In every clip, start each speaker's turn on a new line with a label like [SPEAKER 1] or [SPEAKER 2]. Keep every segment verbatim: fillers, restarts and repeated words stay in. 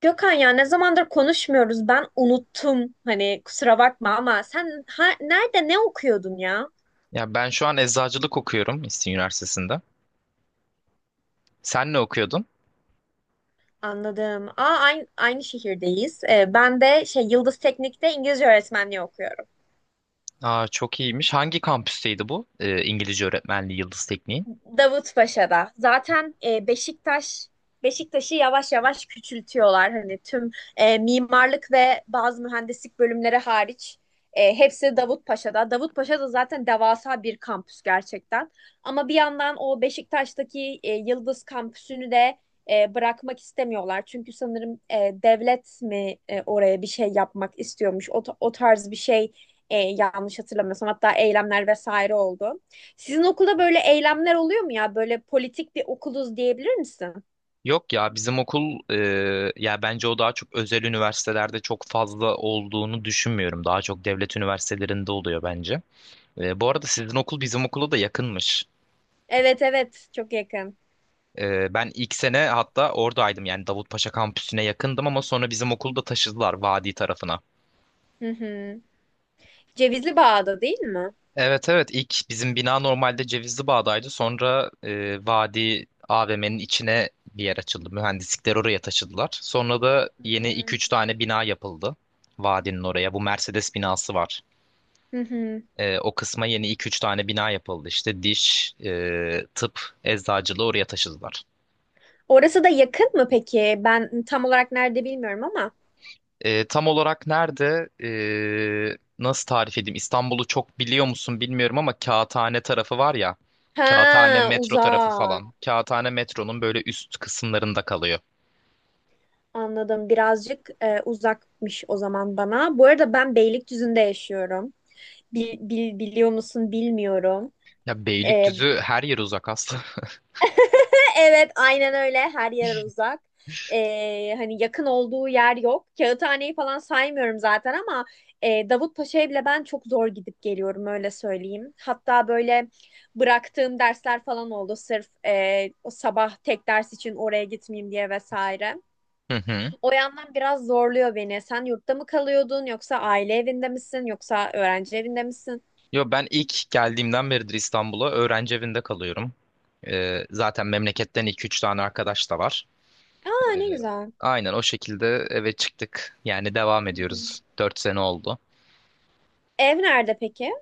[SPEAKER 1] Gökhan ya ne zamandır konuşmuyoruz. Ben unuttum. Hani kusura bakma ama sen ha, nerede ne okuyordun ya?
[SPEAKER 2] Ya ben şu an eczacılık okuyorum İstinye Üniversitesi'nde. Sen ne okuyordun?
[SPEAKER 1] Anladım. Aa, aynı, aynı şehirdeyiz. Ee, ben de şey Yıldız Teknik'te İngilizce öğretmenliği okuyorum.
[SPEAKER 2] Aa, çok iyiymiş. Hangi kampüsteydi bu? Ee, İngilizce öğretmenliği Yıldız Tekniği.
[SPEAKER 1] Davutpaşa'da. Zaten e, Beşiktaş Beşiktaş'ı yavaş yavaş küçültüyorlar. Hani tüm e, mimarlık ve bazı mühendislik bölümleri hariç e, hepsi Davutpaşa'da. Davutpaşa da zaten devasa bir kampüs gerçekten. Ama bir yandan o Beşiktaş'taki e, Yıldız kampüsünü de e, bırakmak istemiyorlar. Çünkü sanırım e, devlet mi e, oraya bir şey yapmak istiyormuş. O, ta- o tarz bir şey e, yanlış hatırlamıyorsam. Hatta eylemler vesaire oldu. Sizin okulda böyle eylemler oluyor mu ya? Böyle politik bir okuluz diyebilir misin?
[SPEAKER 2] Yok ya bizim okul e, ya bence o daha çok özel üniversitelerde çok fazla olduğunu düşünmüyorum. Daha çok devlet üniversitelerinde oluyor bence. E, bu arada sizin okul bizim okula da yakınmış.
[SPEAKER 1] Evet, evet, çok yakın.
[SPEAKER 2] E, ben ilk sene hatta oradaydım yani Davutpaşa kampüsüne yakındım ama sonra bizim okulu da taşıdılar Vadi tarafına.
[SPEAKER 1] Hı hı. Cevizli Bağ'da değil mi?
[SPEAKER 2] Evet, evet, ilk bizim bina normalde Cevizli Bağ'daydı. Sonra e, Vadi A V M'nin içine bir yer açıldı. Mühendislikler oraya taşıdılar. Sonra da
[SPEAKER 1] Hı
[SPEAKER 2] yeni iki
[SPEAKER 1] hı.
[SPEAKER 2] üç tane bina yapıldı. Vadinin oraya. Bu Mercedes binası var.
[SPEAKER 1] Hı hı.
[SPEAKER 2] E, o kısma yeni iki üç tane bina yapıldı. İşte diş, e, tıp, eczacılığı oraya taşıdılar.
[SPEAKER 1] Orası da yakın mı peki? Ben tam olarak nerede bilmiyorum ama.
[SPEAKER 2] Ee, tam olarak nerede? Ee, nasıl tarif edeyim? İstanbul'u çok biliyor musun bilmiyorum ama Kağıthane tarafı var ya. Kağıthane
[SPEAKER 1] Ha,
[SPEAKER 2] metro tarafı
[SPEAKER 1] uzak.
[SPEAKER 2] falan. Kağıthane metronun böyle üst kısımlarında kalıyor.
[SPEAKER 1] Anladım. Birazcık e, uzakmış o zaman bana. Bu arada ben Beylikdüzü'nde yaşıyorum. Bil- bil- biliyor musun bilmiyorum.
[SPEAKER 2] Ya
[SPEAKER 1] E,
[SPEAKER 2] Beylikdüzü her yer uzak aslında.
[SPEAKER 1] Evet, aynen öyle. Her yer uzak. Ee, hani yakın olduğu yer yok. Kağıthaneyi falan saymıyorum zaten ama e, Davutpaşa'ya bile ben çok zor gidip geliyorum öyle söyleyeyim. Hatta böyle bıraktığım dersler falan oldu sırf e, o sabah tek ders için oraya gitmeyeyim diye vesaire.
[SPEAKER 2] Hı hı.
[SPEAKER 1] O yandan biraz zorluyor beni. Sen yurtta mı kalıyordun yoksa aile evinde misin yoksa öğrenci evinde misin?
[SPEAKER 2] Yo, ben ilk geldiğimden beridir İstanbul'a öğrenci evinde kalıyorum. Ee, zaten memleketten iki üç tane arkadaş da var.
[SPEAKER 1] Aa,
[SPEAKER 2] Ee,
[SPEAKER 1] ne güzel.
[SPEAKER 2] aynen o şekilde eve çıktık. Yani devam
[SPEAKER 1] Hı hı.
[SPEAKER 2] ediyoruz. Dört sene oldu.
[SPEAKER 1] Ev nerede peki?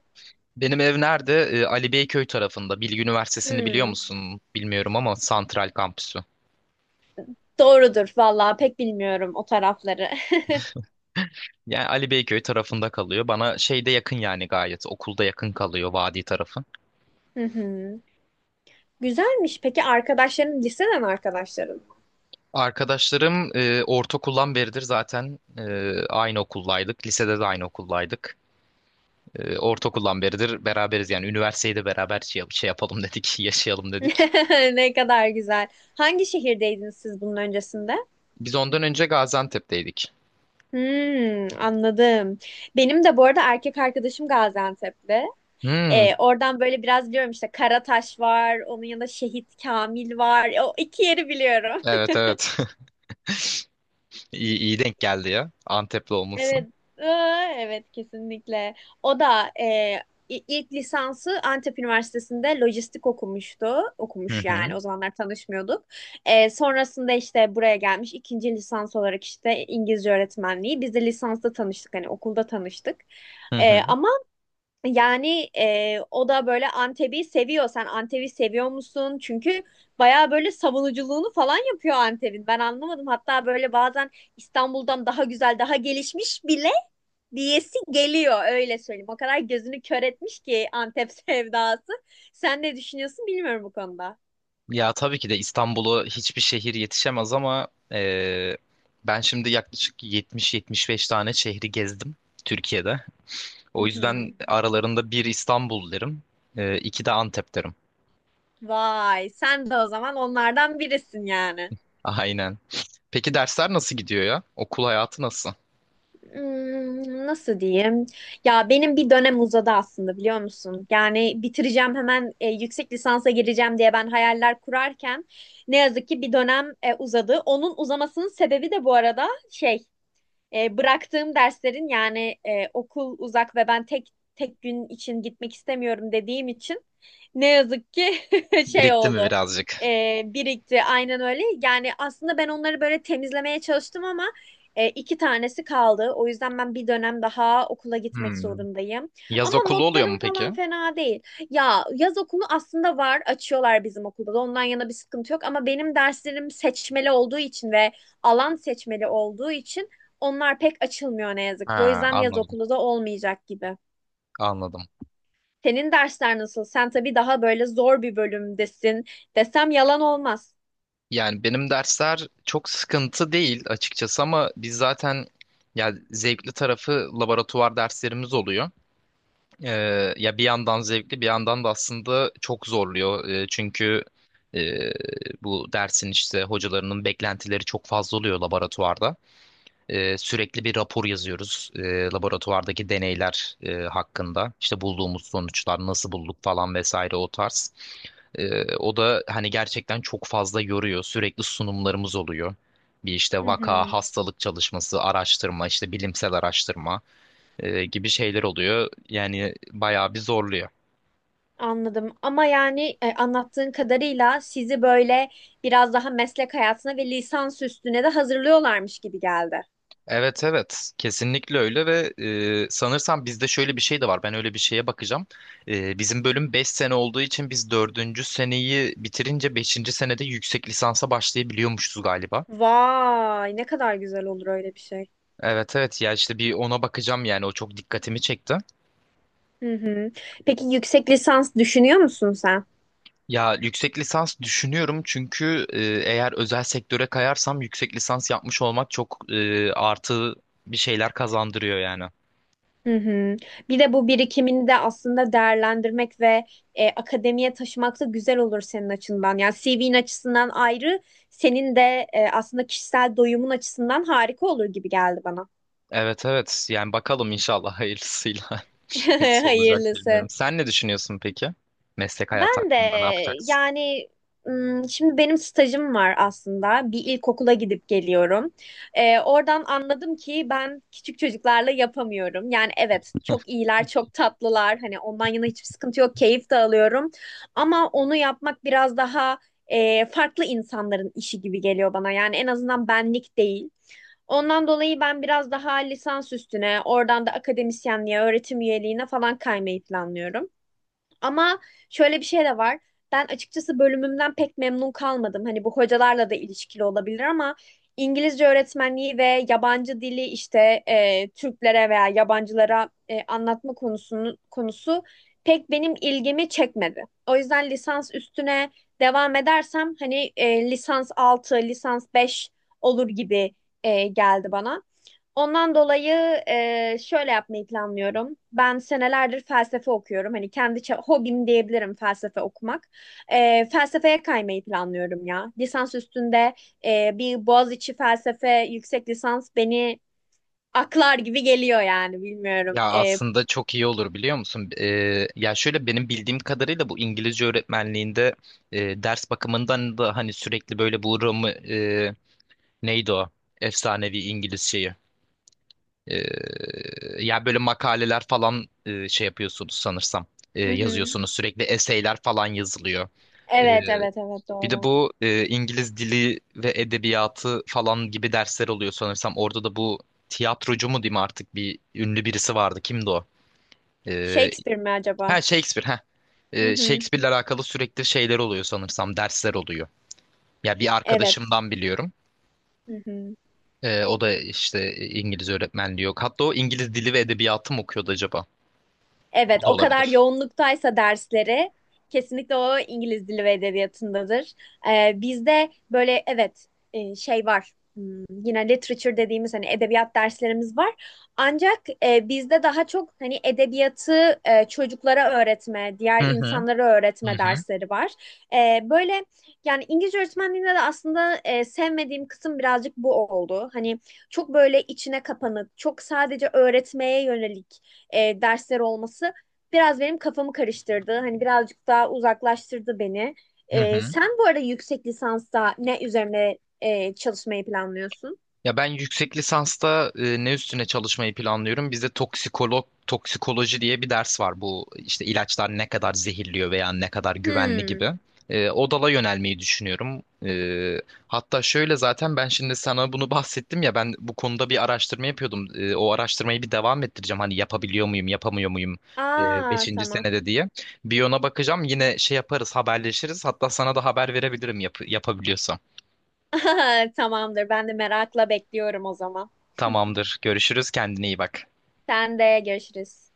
[SPEAKER 2] Benim ev nerede? Ee, Ali Beyköy tarafında. Bilgi Üniversitesi'ni biliyor
[SPEAKER 1] Hmm.
[SPEAKER 2] musun? Bilmiyorum ama Santral Kampüsü.
[SPEAKER 1] Doğrudur vallahi, pek bilmiyorum o tarafları.
[SPEAKER 2] Yani Ali Beyköy tarafında kalıyor. Bana şeyde yakın yani gayet. Okulda yakın kalıyor vadi tarafı.
[SPEAKER 1] Hı hı. Güzelmiş. Peki arkadaşların liseden arkadaşların mı?
[SPEAKER 2] Arkadaşlarım e, ortaokuldan beridir zaten e, aynı okuldaydık. Lisede de aynı okuldaydık. E, ortaokuldan beridir beraberiz yani. Üniversiteyi de beraber şey, şey yapalım dedik, yaşayalım dedik.
[SPEAKER 1] Ne kadar güzel. Hangi şehirdeydiniz siz bunun öncesinde?
[SPEAKER 2] Biz ondan önce Gaziantep'teydik.
[SPEAKER 1] Hmm, anladım. Benim de bu arada erkek arkadaşım Gaziantep'li.
[SPEAKER 2] Hmm,
[SPEAKER 1] Ee, oradan böyle biraz biliyorum işte Karataş var, onun yanında Şehit Kamil var. O iki yeri biliyorum.
[SPEAKER 2] evet, evet. İyi, iyi denk geldi ya. Antepli olması.
[SPEAKER 1] Evet, ıı, evet kesinlikle. O da e, i- ilk lisansı Antep Üniversitesi'nde lojistik okumuştu.
[SPEAKER 2] Hı
[SPEAKER 1] Okumuş yani,
[SPEAKER 2] hı.
[SPEAKER 1] o zamanlar tanışmıyorduk. E, sonrasında işte buraya gelmiş ikinci lisans olarak işte İngilizce öğretmenliği. Biz de lisansta tanıştık, hani okulda tanıştık.
[SPEAKER 2] Hı
[SPEAKER 1] E,
[SPEAKER 2] hı.
[SPEAKER 1] ama yani e, o da böyle Antep'i seviyor. Sen Antep'i seviyor musun? Çünkü bayağı böyle savunuculuğunu falan yapıyor Antep'in. Ben anlamadım. Hatta böyle bazen İstanbul'dan daha güzel, daha gelişmiş bile diyesi geliyor öyle söyleyeyim. O kadar gözünü kör etmiş ki Antep sevdası. Sen ne düşünüyorsun bilmiyorum bu konuda.
[SPEAKER 2] Ya tabii ki de İstanbul'u hiçbir şehir yetişemez ama e, ben şimdi yaklaşık yetmiş yetmiş beş tane şehri gezdim Türkiye'de.
[SPEAKER 1] Hı
[SPEAKER 2] O yüzden
[SPEAKER 1] hı.
[SPEAKER 2] aralarında bir İstanbul derim, e, iki de Antep derim.
[SPEAKER 1] Vay, sen de o zaman onlardan birisin yani.
[SPEAKER 2] Aynen. Peki dersler nasıl gidiyor ya? Okul hayatı nasıl?
[SPEAKER 1] Hmm, nasıl diyeyim? Ya benim bir dönem uzadı aslında, biliyor musun? Yani bitireceğim hemen, e, yüksek lisansa gireceğim diye ben hayaller kurarken ne yazık ki bir dönem e, uzadı. Onun uzamasının sebebi de bu arada şey E, bıraktığım derslerin yani, e, okul uzak ve ben tek tek gün için gitmek istemiyorum dediğim için ne yazık ki şey
[SPEAKER 2] Birikti mi
[SPEAKER 1] oldu.
[SPEAKER 2] birazcık?
[SPEAKER 1] E, birikti, aynen öyle. Yani aslında ben onları böyle temizlemeye çalıştım ama e, iki tanesi kaldı. O yüzden ben bir dönem daha okula gitmek
[SPEAKER 2] Hmm.
[SPEAKER 1] zorundayım.
[SPEAKER 2] Yaz
[SPEAKER 1] Ama
[SPEAKER 2] okulu oluyor
[SPEAKER 1] notlarım
[SPEAKER 2] mu peki?
[SPEAKER 1] falan fena değil. Ya yaz okulu aslında var. Açıyorlar bizim okulda da. Ondan yana bir sıkıntı yok. Ama benim derslerim seçmeli olduğu için ve alan seçmeli olduğu için onlar pek açılmıyor ne yazık ki. O
[SPEAKER 2] Ha,
[SPEAKER 1] yüzden yaz
[SPEAKER 2] anladım,
[SPEAKER 1] okulu da olmayacak gibi.
[SPEAKER 2] anladım.
[SPEAKER 1] Senin dersler nasıl? Sen tabii daha böyle zor bir bölümdesin desem yalan olmaz.
[SPEAKER 2] Yani benim dersler çok sıkıntı değil açıkçası ama biz zaten yani zevkli tarafı laboratuvar derslerimiz oluyor. Ee, ya bir yandan zevkli bir yandan da aslında çok zorluyor. Ee, çünkü e, bu dersin işte hocalarının beklentileri çok fazla oluyor laboratuvarda. Ee, sürekli bir rapor yazıyoruz ee, laboratuvardaki deneyler e, hakkında. İşte bulduğumuz sonuçlar nasıl bulduk falan vesaire o tarz. Ee, o da hani gerçekten çok fazla yoruyor. Sürekli sunumlarımız oluyor. Bir işte
[SPEAKER 1] Hı
[SPEAKER 2] vaka,
[SPEAKER 1] hı,
[SPEAKER 2] hastalık çalışması, araştırma, işte bilimsel araştırma e, gibi şeyler oluyor. Yani bayağı bir zorluyor.
[SPEAKER 1] anladım. Ama yani e, anlattığın kadarıyla sizi böyle biraz daha meslek hayatına ve lisans üstüne de hazırlıyorlarmış gibi geldi.
[SPEAKER 2] Evet, evet, kesinlikle öyle ve e, sanırsam bizde şöyle bir şey de var, ben öyle bir şeye bakacağım. E, bizim bölüm beş sene olduğu için biz dördüncü seneyi bitirince beşinci senede yüksek lisansa başlayabiliyormuşuz galiba.
[SPEAKER 1] Vay, ne kadar güzel olur öyle bir şey.
[SPEAKER 2] Evet, evet, ya işte bir ona bakacağım yani o çok dikkatimi çekti.
[SPEAKER 1] Hı hı. Peki yüksek lisans düşünüyor musun sen?
[SPEAKER 2] Ya yüksek lisans düşünüyorum çünkü e, eğer özel sektöre kayarsam yüksek lisans yapmış olmak çok e, artı bir şeyler kazandırıyor yani.
[SPEAKER 1] Hı hı. Bir de bu birikimini de aslında değerlendirmek ve e, akademiye taşımak da güzel olur senin açından. Yani C V'nin açısından ayrı, senin de e, aslında kişisel doyumun açısından harika olur gibi geldi bana.
[SPEAKER 2] Evet, evet, yani bakalım inşallah hayırlısıyla nasıl olacak
[SPEAKER 1] Hayırlısı.
[SPEAKER 2] bilmiyorum. Sen ne düşünüyorsun peki? Meslek hayatı
[SPEAKER 1] Ben de
[SPEAKER 2] hakkında ne yapacaksın?
[SPEAKER 1] yani ım, şimdi benim stajım var aslında. Bir ilkokula gidip geliyorum. Ee, oradan anladım ki ben küçük çocuklarla yapamıyorum. Yani evet, çok iyiler, çok tatlılar. Hani ondan yana hiçbir sıkıntı yok. Keyif de alıyorum. Ama onu yapmak biraz daha e, farklı insanların işi gibi geliyor bana. Yani en azından benlik değil. Ondan dolayı ben biraz daha lisans üstüne, oradan da akademisyenliğe, öğretim üyeliğine falan kaymayı planlıyorum. Ama şöyle bir şey de var. Ben açıkçası bölümümden pek memnun kalmadım. Hani bu hocalarla da ilişkili olabilir ama İngilizce öğretmenliği ve yabancı dili işte e, Türklere veya yabancılara e, anlatma konusunun konusu pek benim ilgimi çekmedi. O yüzden lisans üstüne devam edersem hani e, lisans altı lisans beş olur gibi e, geldi bana. Ondan dolayı e, şöyle yapmayı planlıyorum. Ben senelerdir felsefe okuyorum. Hani kendi ça- hobim diyebilirim felsefe okumak. E, felsefeye kaymayı planlıyorum ya. Lisans üstünde e, bir Boğaziçi felsefe yüksek lisans beni aklar gibi geliyor yani bilmiyorum.
[SPEAKER 2] Ya
[SPEAKER 1] E,
[SPEAKER 2] aslında çok iyi olur biliyor musun? Ee, ya şöyle benim bildiğim kadarıyla bu İngilizce öğretmenliğinde e, ders bakımından da hani sürekli böyle bu Roma, e, neydi o? Efsanevi İngiliz şeyi. Ee, ya böyle makaleler falan e, şey yapıyorsunuz sanırsam. E,
[SPEAKER 1] hı hı.
[SPEAKER 2] yazıyorsunuz sürekli eseyler falan yazılıyor. Ee,
[SPEAKER 1] Evet evet evet
[SPEAKER 2] Bir de
[SPEAKER 1] doğru.
[SPEAKER 2] bu e, İngiliz dili ve edebiyatı falan gibi dersler oluyor sanırsam. Orada da bu tiyatrocu mu diyeyim artık bir ünlü birisi vardı. Kimdi o? E,
[SPEAKER 1] Shakespeare mi acaba?
[SPEAKER 2] ha Shakespeare. Ha.
[SPEAKER 1] Hı
[SPEAKER 2] E,
[SPEAKER 1] hı.
[SPEAKER 2] Shakespeare'le alakalı sürekli şeyler oluyor sanırsam. Dersler oluyor. Ya bir
[SPEAKER 1] Evet.
[SPEAKER 2] arkadaşımdan biliyorum.
[SPEAKER 1] Hı hı.
[SPEAKER 2] E, o da işte İngiliz öğretmenliği yok. Hatta o İngiliz dili ve edebiyatı mı okuyordu acaba? O
[SPEAKER 1] Evet,
[SPEAKER 2] da
[SPEAKER 1] o kadar
[SPEAKER 2] olabilir.
[SPEAKER 1] yoğunluktaysa dersleri kesinlikle o İngiliz Dili ve Edebiyatı'ndadır. Ee, bizde böyle evet e, şey var. Hmm, yine literature dediğimiz hani edebiyat derslerimiz var. Ancak e, bizde daha çok hani edebiyatı e, çocuklara öğretme,
[SPEAKER 2] Hı
[SPEAKER 1] diğer
[SPEAKER 2] hı.
[SPEAKER 1] insanlara
[SPEAKER 2] Hı
[SPEAKER 1] öğretme
[SPEAKER 2] hı.
[SPEAKER 1] dersleri var. E, böyle yani İngilizce öğretmenliğinde de aslında e, sevmediğim kısım birazcık bu oldu. Hani çok böyle içine kapanık, çok sadece öğretmeye yönelik e, dersler olması biraz benim kafamı karıştırdı. Hani birazcık daha uzaklaştırdı beni.
[SPEAKER 2] Hı
[SPEAKER 1] E,
[SPEAKER 2] hı.
[SPEAKER 1] sen bu arada yüksek lisansta ne üzerine e, çalışmayı planlıyorsun?
[SPEAKER 2] Ya ben yüksek lisansta e, ne üstüne çalışmayı planlıyorum? Bizde toksikolog toksikoloji diye bir ders var. Bu işte ilaçlar ne kadar zehirliyor veya ne kadar güvenli
[SPEAKER 1] Hmm.
[SPEAKER 2] gibi. E, o dala yönelmeyi düşünüyorum. E, hatta şöyle zaten ben şimdi sana bunu bahsettim ya ben bu konuda bir araştırma yapıyordum. E, o araştırmayı bir devam ettireceğim. Hani yapabiliyor muyum, yapamıyor muyum? E,
[SPEAKER 1] Aa,
[SPEAKER 2] beşinci
[SPEAKER 1] tamam.
[SPEAKER 2] senede diye. Bir ona bakacağım. Yine şey yaparız, haberleşiriz. Hatta sana da haber verebilirim yap yapabiliyorsam.
[SPEAKER 1] Tamamdır. Ben de merakla bekliyorum o zaman.
[SPEAKER 2] Tamamdır. Görüşürüz. Kendine iyi bak.
[SPEAKER 1] Sen de görüşürüz.